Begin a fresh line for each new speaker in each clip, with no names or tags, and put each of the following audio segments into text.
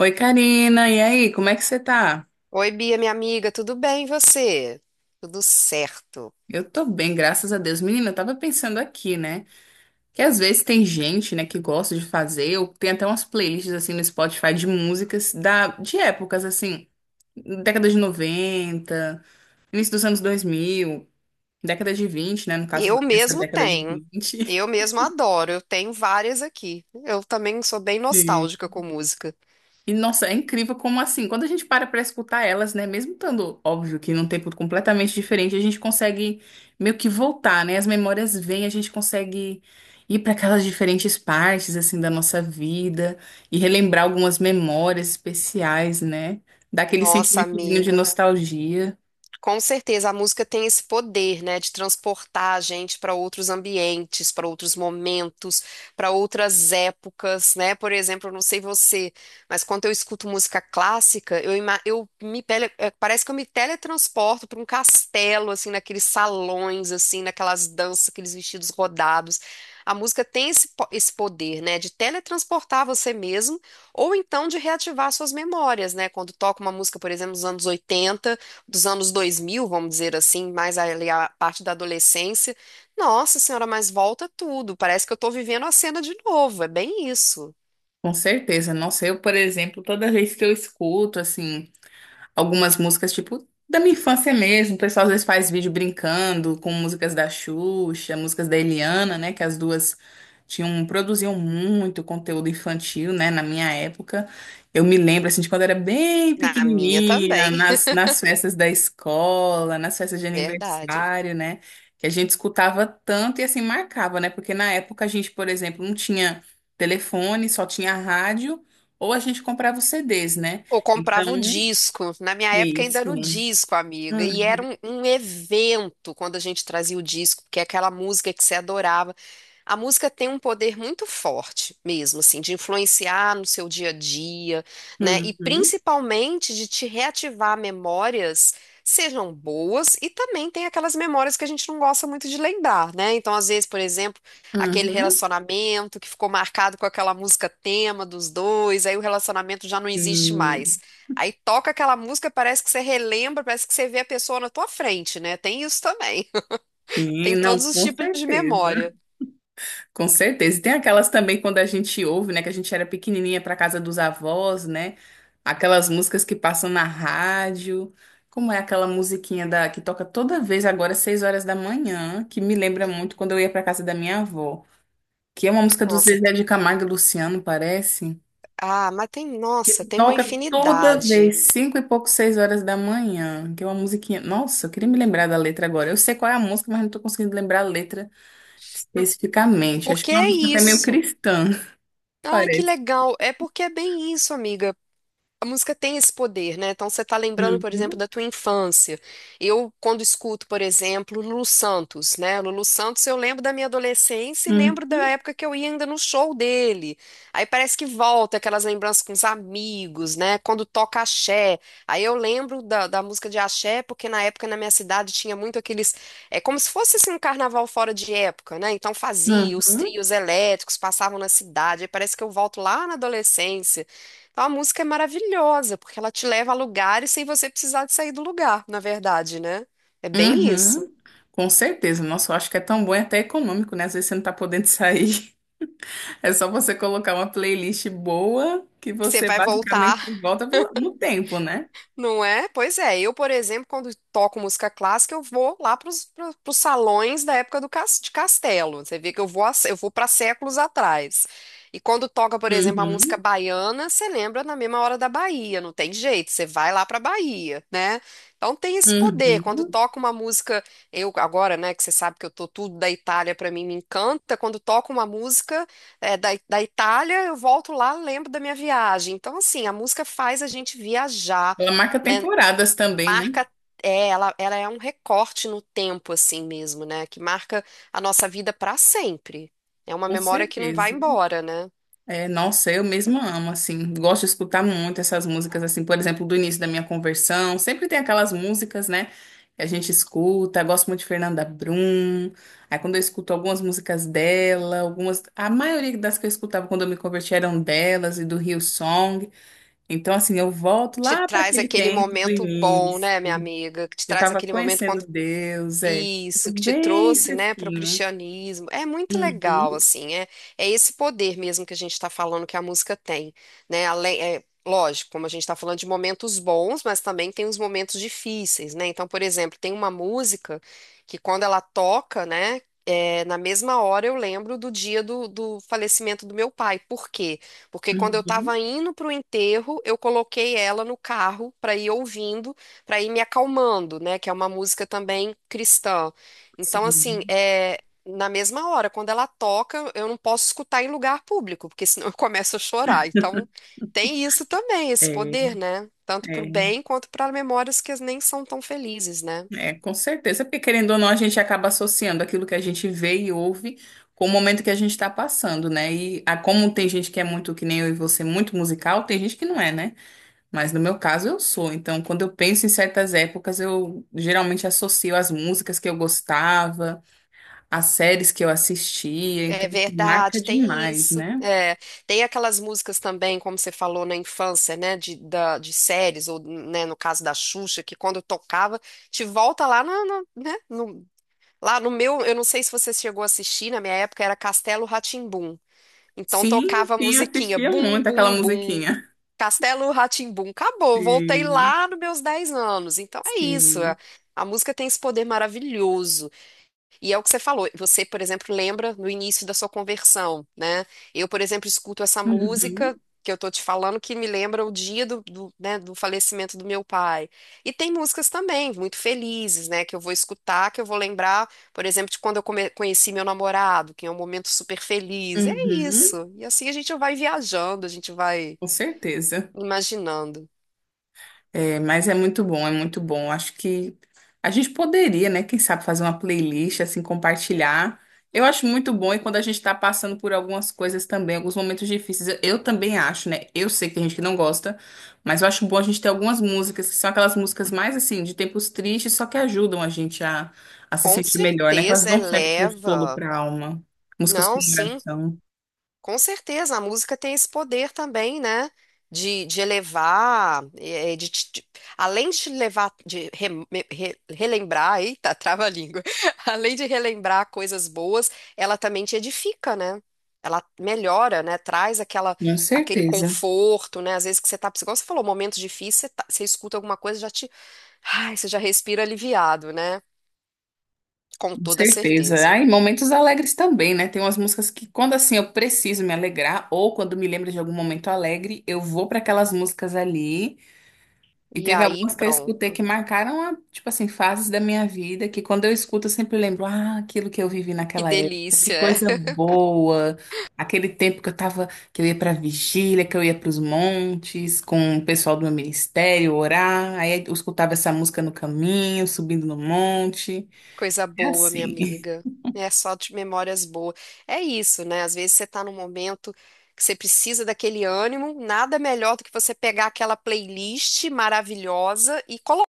Oi, Karina, e aí, como é que você tá?
Oi, Bia, minha amiga, tudo bem e você? Tudo certo.
Eu tô bem, graças a Deus. Menina, eu tava pensando aqui, né? Que às vezes tem gente, né, que gosta de fazer, ou tem até umas playlists assim no Spotify de músicas de épocas assim, década de 90, início dos anos 2000, década de 20, né, no caso,
Eu
essa
mesmo
década de
tenho.
20.
Eu mesmo adoro. Eu tenho várias aqui. Eu também sou bem nostálgica com música.
E, nossa, é incrível como assim, quando a gente para pra escutar elas, né, mesmo estando óbvio que num tempo completamente diferente, a gente consegue meio que voltar, né? As memórias vêm, a gente consegue ir para aquelas diferentes partes assim da nossa vida e relembrar algumas memórias especiais, né? Dá aquele
Nossa,
sentimentozinho de
amiga.
nostalgia.
Com certeza, a música tem esse poder, né, de transportar a gente para outros ambientes, para outros momentos, para outras épocas, né? Por exemplo, eu não sei você, mas quando eu escuto música clássica, eu, ima- eu me tele, eh, parece que eu me teletransporto para um castelo, assim, naqueles salões, assim, naquelas danças, aqueles vestidos rodados. A música tem esse poder, né, de teletransportar você mesmo, ou então de reativar suas memórias, né? Quando toca uma música, por exemplo, dos anos 80, dos anos 2000, vamos dizer assim, mais ali a parte da adolescência. Nossa senhora, mas volta tudo. Parece que eu tô vivendo a cena de novo. É bem isso.
Com certeza. Nossa, eu, por exemplo, toda vez que eu escuto assim algumas músicas, tipo, da minha infância mesmo. O pessoal às vezes faz vídeo brincando com músicas da Xuxa, músicas da Eliana, né? Que as duas tinham, produziam muito conteúdo infantil, né? Na minha época. Eu me lembro, assim, de quando eu era bem
Na minha
pequenininha,
também.
nas festas da escola, nas festas de
Verdade.
aniversário, né? Que a gente escutava tanto e, assim, marcava, né? Porque na época a gente, por exemplo, não tinha telefone, só tinha rádio, ou a gente comprava os CDs, né?
Ou
Então,
comprava o disco. Na minha época ainda era
isso.
o disco, amiga. E era
Uhum,
um evento quando a gente trazia o disco, porque é aquela música que você adorava. A música tem um poder muito forte mesmo, assim, de influenciar no seu dia a dia, né? E
uhum,
principalmente de te reativar memórias, sejam boas, e também tem aquelas memórias que a gente não gosta muito de lembrar, né? Então, às vezes, por exemplo, aquele
uhum.
relacionamento que ficou marcado com aquela música tema dos dois, aí o relacionamento já não existe mais.
Hum,
Aí toca aquela música, parece que você relembra, parece que você vê a pessoa na tua frente, né? Tem isso também.
sim,
Tem
não,
todos os
com
tipos de
certeza.
memória.
Com certeza. E tem aquelas também quando a gente ouve, né, que a gente era pequenininha para casa dos avós, né? Aquelas músicas que passam na rádio. Como é aquela musiquinha da que toca toda vez agora às 6 horas da manhã, que me lembra muito quando eu ia para casa da minha avó, que é uma música do
Nossa,
Zezé
tem.
de Camargo e Luciano, parece.
Ah, mas tem, nossa, tem uma
Toca toda
infinidade.
vez, 5 e pouco, 6 horas da manhã, que é uma musiquinha. Nossa, eu queria me lembrar da letra agora. Eu sei qual é a música, mas não tô conseguindo lembrar a letra especificamente. Acho
Porque
que é uma
é
música até meio
isso.
cristã,
Ai, que
parece.
legal. É porque é bem isso, amiga. A música tem esse poder, né? Então você tá lembrando, por exemplo,
Uhum,
da tua infância. Eu, quando escuto, por exemplo, Lulu Santos, né? Lulu Santos, eu lembro da minha adolescência e lembro da
uhum,
época que eu ia ainda no show dele. Aí parece que volta aquelas lembranças com os amigos, né? Quando toca axé. Aí eu lembro da música de axé, porque na época na minha cidade tinha muito aqueles. É como se fosse assim, um carnaval fora de época, né? Então fazia, os
uhum,
trios elétricos passavam na cidade. Aí parece que eu volto lá na adolescência. Então, a música é maravilhosa, porque ela te leva a lugares sem você precisar de sair do lugar, na verdade, né? É bem isso.
uhum. Com certeza. Nossa, eu acho que é tão bom e até econômico, né? Às vezes você não tá podendo sair. É só você colocar uma playlist boa que
Você
você
vai voltar.
basicamente volta no tempo, né?
Não é? Pois é. Eu, por exemplo, quando toco música clássica, eu vou lá para os salões da época do cas- de Castelo. Você vê que eu vou, a eu vou para séculos atrás. E quando toca, por exemplo, a música
Uhum,
baiana, você lembra na mesma hora da Bahia. Não tem jeito, você vai lá para Bahia, né? Então tem esse poder. Quando
uhum.
toca uma música, eu agora, né, que você sabe que eu tô tudo da Itália, para mim me encanta. Quando toca uma música da Itália, eu volto lá, lembro da minha viagem. Então, assim, a música faz a gente viajar,
Ela marca
né,
temporadas também, né?
marca, é, ela é um recorte no tempo, assim mesmo, né? Que marca a nossa vida para sempre. É uma
Com
memória que não vai
certeza.
embora, né?
É, nossa, eu mesma amo, assim. Gosto de escutar muito essas músicas, assim, por exemplo, do início da minha conversão. Sempre tem aquelas músicas, né, que a gente escuta. Gosto muito de Fernanda Brum. Aí quando eu escuto algumas músicas dela, algumas. A maioria das que eu escutava quando eu me converti eram delas e do Rio Song. Então, assim, eu volto
Te
lá para
traz
aquele
aquele
tempo do
momento bom,
início.
né, minha amiga? Que te
Eu
traz
tava
aquele momento
conhecendo
quando...
Deus, é.
Isso,
Tudo
que te
bem
trouxe, né, para o
fresquinho.
cristianismo. É muito legal,
Uhum,
assim, é, é esse poder mesmo que a gente está falando que a música tem, né? Além, é, lógico, como a gente está falando de momentos bons, mas também tem os momentos difíceis, né? Então, por exemplo, tem uma música que quando ela toca, né, é, na mesma hora eu lembro do do falecimento do meu pai. Por quê? Porque quando eu
uhum,
estava indo para o enterro, eu coloquei ela no carro para ir ouvindo, para ir me acalmando, né? Que é uma música também cristã. Então, assim,
sim.
é na mesma hora, quando ela toca, eu não posso escutar em lugar público, porque senão eu começo a chorar. Então, tem isso também, esse
É,
poder, né? Tanto para
é.
o bem quanto para memórias que nem são tão felizes, né?
É, com certeza, porque querendo ou não, a gente acaba associando aquilo que a gente vê e ouve com o momento que a gente está passando, né? E, como tem gente que é muito, que nem eu e você, muito musical, tem gente que não é, né? Mas no meu caso eu sou. Então, quando eu penso em certas épocas, eu geralmente associo as músicas que eu gostava, as séries que eu assistia.
É
Então, assim, marca
verdade, tem
demais,
isso.
né?
É, tem aquelas músicas também, como você falou na infância, né, de séries, ou né, no caso da Xuxa, que quando tocava, te volta lá na, lá no meu, eu não sei se você chegou a assistir, na minha época era Castelo Rá. Então
Sim,
tocava a
sim, eu
musiquinha
assistia
bum,
muito aquela
bum, bum.
musiquinha.
Castelo Rá. Acabou, voltei
Sim,
lá nos meus 10 anos. Então é isso.
sim.
A a música tem esse poder maravilhoso. E é o que você falou. Você, por exemplo, lembra no início da sua conversão, né? Eu, por exemplo, escuto essa música
Uhum,
que eu tô te falando que me lembra o dia né, do falecimento do meu pai. E tem músicas também muito felizes, né? Que eu vou escutar, que eu vou lembrar, por exemplo, de quando eu conheci meu namorado, que é um momento super feliz. É
uhum,
isso. E assim a gente vai viajando, a gente vai
com certeza.
imaginando.
É, mas é muito bom, é muito bom. Acho que a gente poderia, né? Quem sabe fazer uma playlist, assim, compartilhar. Eu acho muito bom e quando a gente está passando por algumas coisas também, alguns momentos difíceis, eu também acho, né? Eu sei que tem gente que não gosta, mas eu acho bom a gente ter algumas músicas que são aquelas músicas mais, assim, de tempos tristes, só que ajudam a gente a se
Com
sentir melhor, né? Que elas
certeza
dão certo consolo
eleva.
para a alma. Músicas com
Não, sim.
oração.
Com certeza, a música tem esse poder também, né? De elevar, eh, eh, de, te- de- Além de te levar, de relembrar, eita, trava-língua. Além de relembrar coisas boas, ela também te edifica, né? Ela melhora, né? Traz
Com
aquele
certeza.
conforto, né? Às vezes que você tá, igual você falou, momentos difíceis, você escuta alguma coisa, já te, ai, você já respira aliviado, né? Com
Com
toda
certeza. Ah,
certeza.
e momentos alegres também, né? Tem umas músicas que, quando assim eu preciso me alegrar, ou quando me lembro de algum momento alegre, eu vou para aquelas músicas ali. E
E
teve
aí,
algumas que eu escutei
pronto.
que marcaram, tipo assim, fases da minha vida, que quando eu escuto eu sempre lembro, ah, aquilo que eu vivi
Que
naquela época, que
delícia.
coisa boa. Aquele tempo que eu tava, que eu ia pra vigília, que eu ia pros montes com o pessoal do meu ministério orar, aí eu escutava essa música no caminho, subindo no monte.
Coisa
É
boa, minha
assim.
amiga. É só de memórias boas. É isso, né? Às vezes você tá num momento que você precisa daquele ânimo, nada melhor do que você pegar aquela playlist maravilhosa e colocar.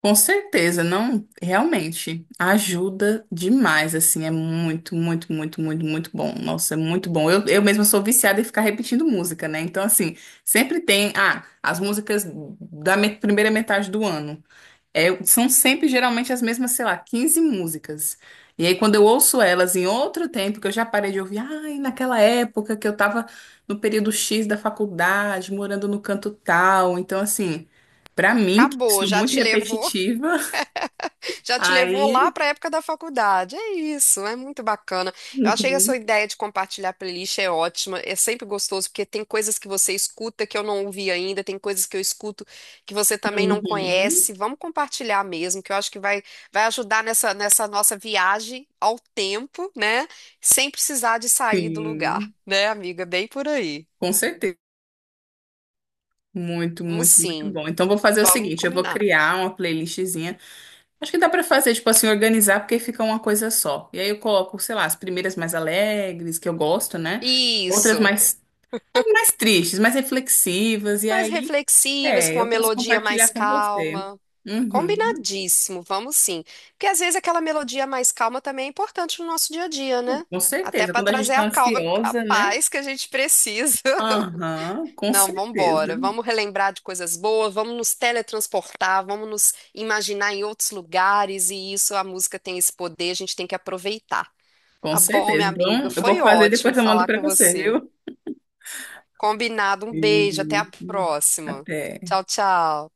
Com certeza, não, realmente ajuda demais, assim, é muito, muito, muito, muito, muito bom. Nossa, é muito bom. Eu mesma sou viciada em ficar repetindo música, né? Então, assim, sempre tem, as músicas da primeira metade do ano. É, são sempre geralmente as mesmas, sei lá, 15 músicas. E aí, quando eu ouço elas em outro tempo, que eu já parei de ouvir, ai, naquela época que eu tava no período X da faculdade, morando no canto tal. Então, assim, pra mim, que
Acabou,
sou
já
muito
te levou.
repetitiva,
Já te levou lá
aí.
para a época da faculdade. É isso, é muito bacana. Eu achei que a
Uhum,
sua ideia de compartilhar playlist é ótima. É sempre gostoso, porque tem coisas que você escuta que eu não ouvi ainda, tem coisas que eu escuto que você também não
uhum,
conhece. Vamos compartilhar mesmo, que eu acho vai ajudar nessa nossa viagem ao tempo, né? Sem precisar de sair do lugar,
sim,
né, amiga? Bem por aí.
com certeza. Muito,
Vamos
muito, muito
sim,
bom. Então, vou fazer o
vamos
seguinte: eu vou
combinar.
criar uma playlistzinha. Acho que dá pra fazer, tipo assim, organizar, porque fica uma coisa só. E aí eu coloco, sei lá, as primeiras mais alegres, que eu gosto, né? Outras
Isso.
mais, tristes, mais reflexivas. E
Mais
aí,
reflexivas, com uma
eu posso
melodia
compartilhar
mais
com você.
calma.
Uhum.
Combinadíssimo, vamos sim. Porque às vezes aquela melodia mais calma também é importante no nosso dia a dia, né?
Com
Até
certeza.
para
Quando a gente
trazer a
tá
calma, a
ansiosa, né?
paz que a gente precisa.
Aham, com
Não, vamos
certeza.
embora. Vamos relembrar de coisas boas, vamos nos teletransportar, vamos nos imaginar em outros lugares e isso, a música tem esse poder, a gente tem que aproveitar.
Com
Tá bom, minha
certeza.
amiga,
Então, eu vou
foi
fazer e
ótimo
depois eu mando
falar
pra
com
você,
você.
viu?
Combinado, um beijo, até
E-
a próxima.
Até.
Tchau, tchau.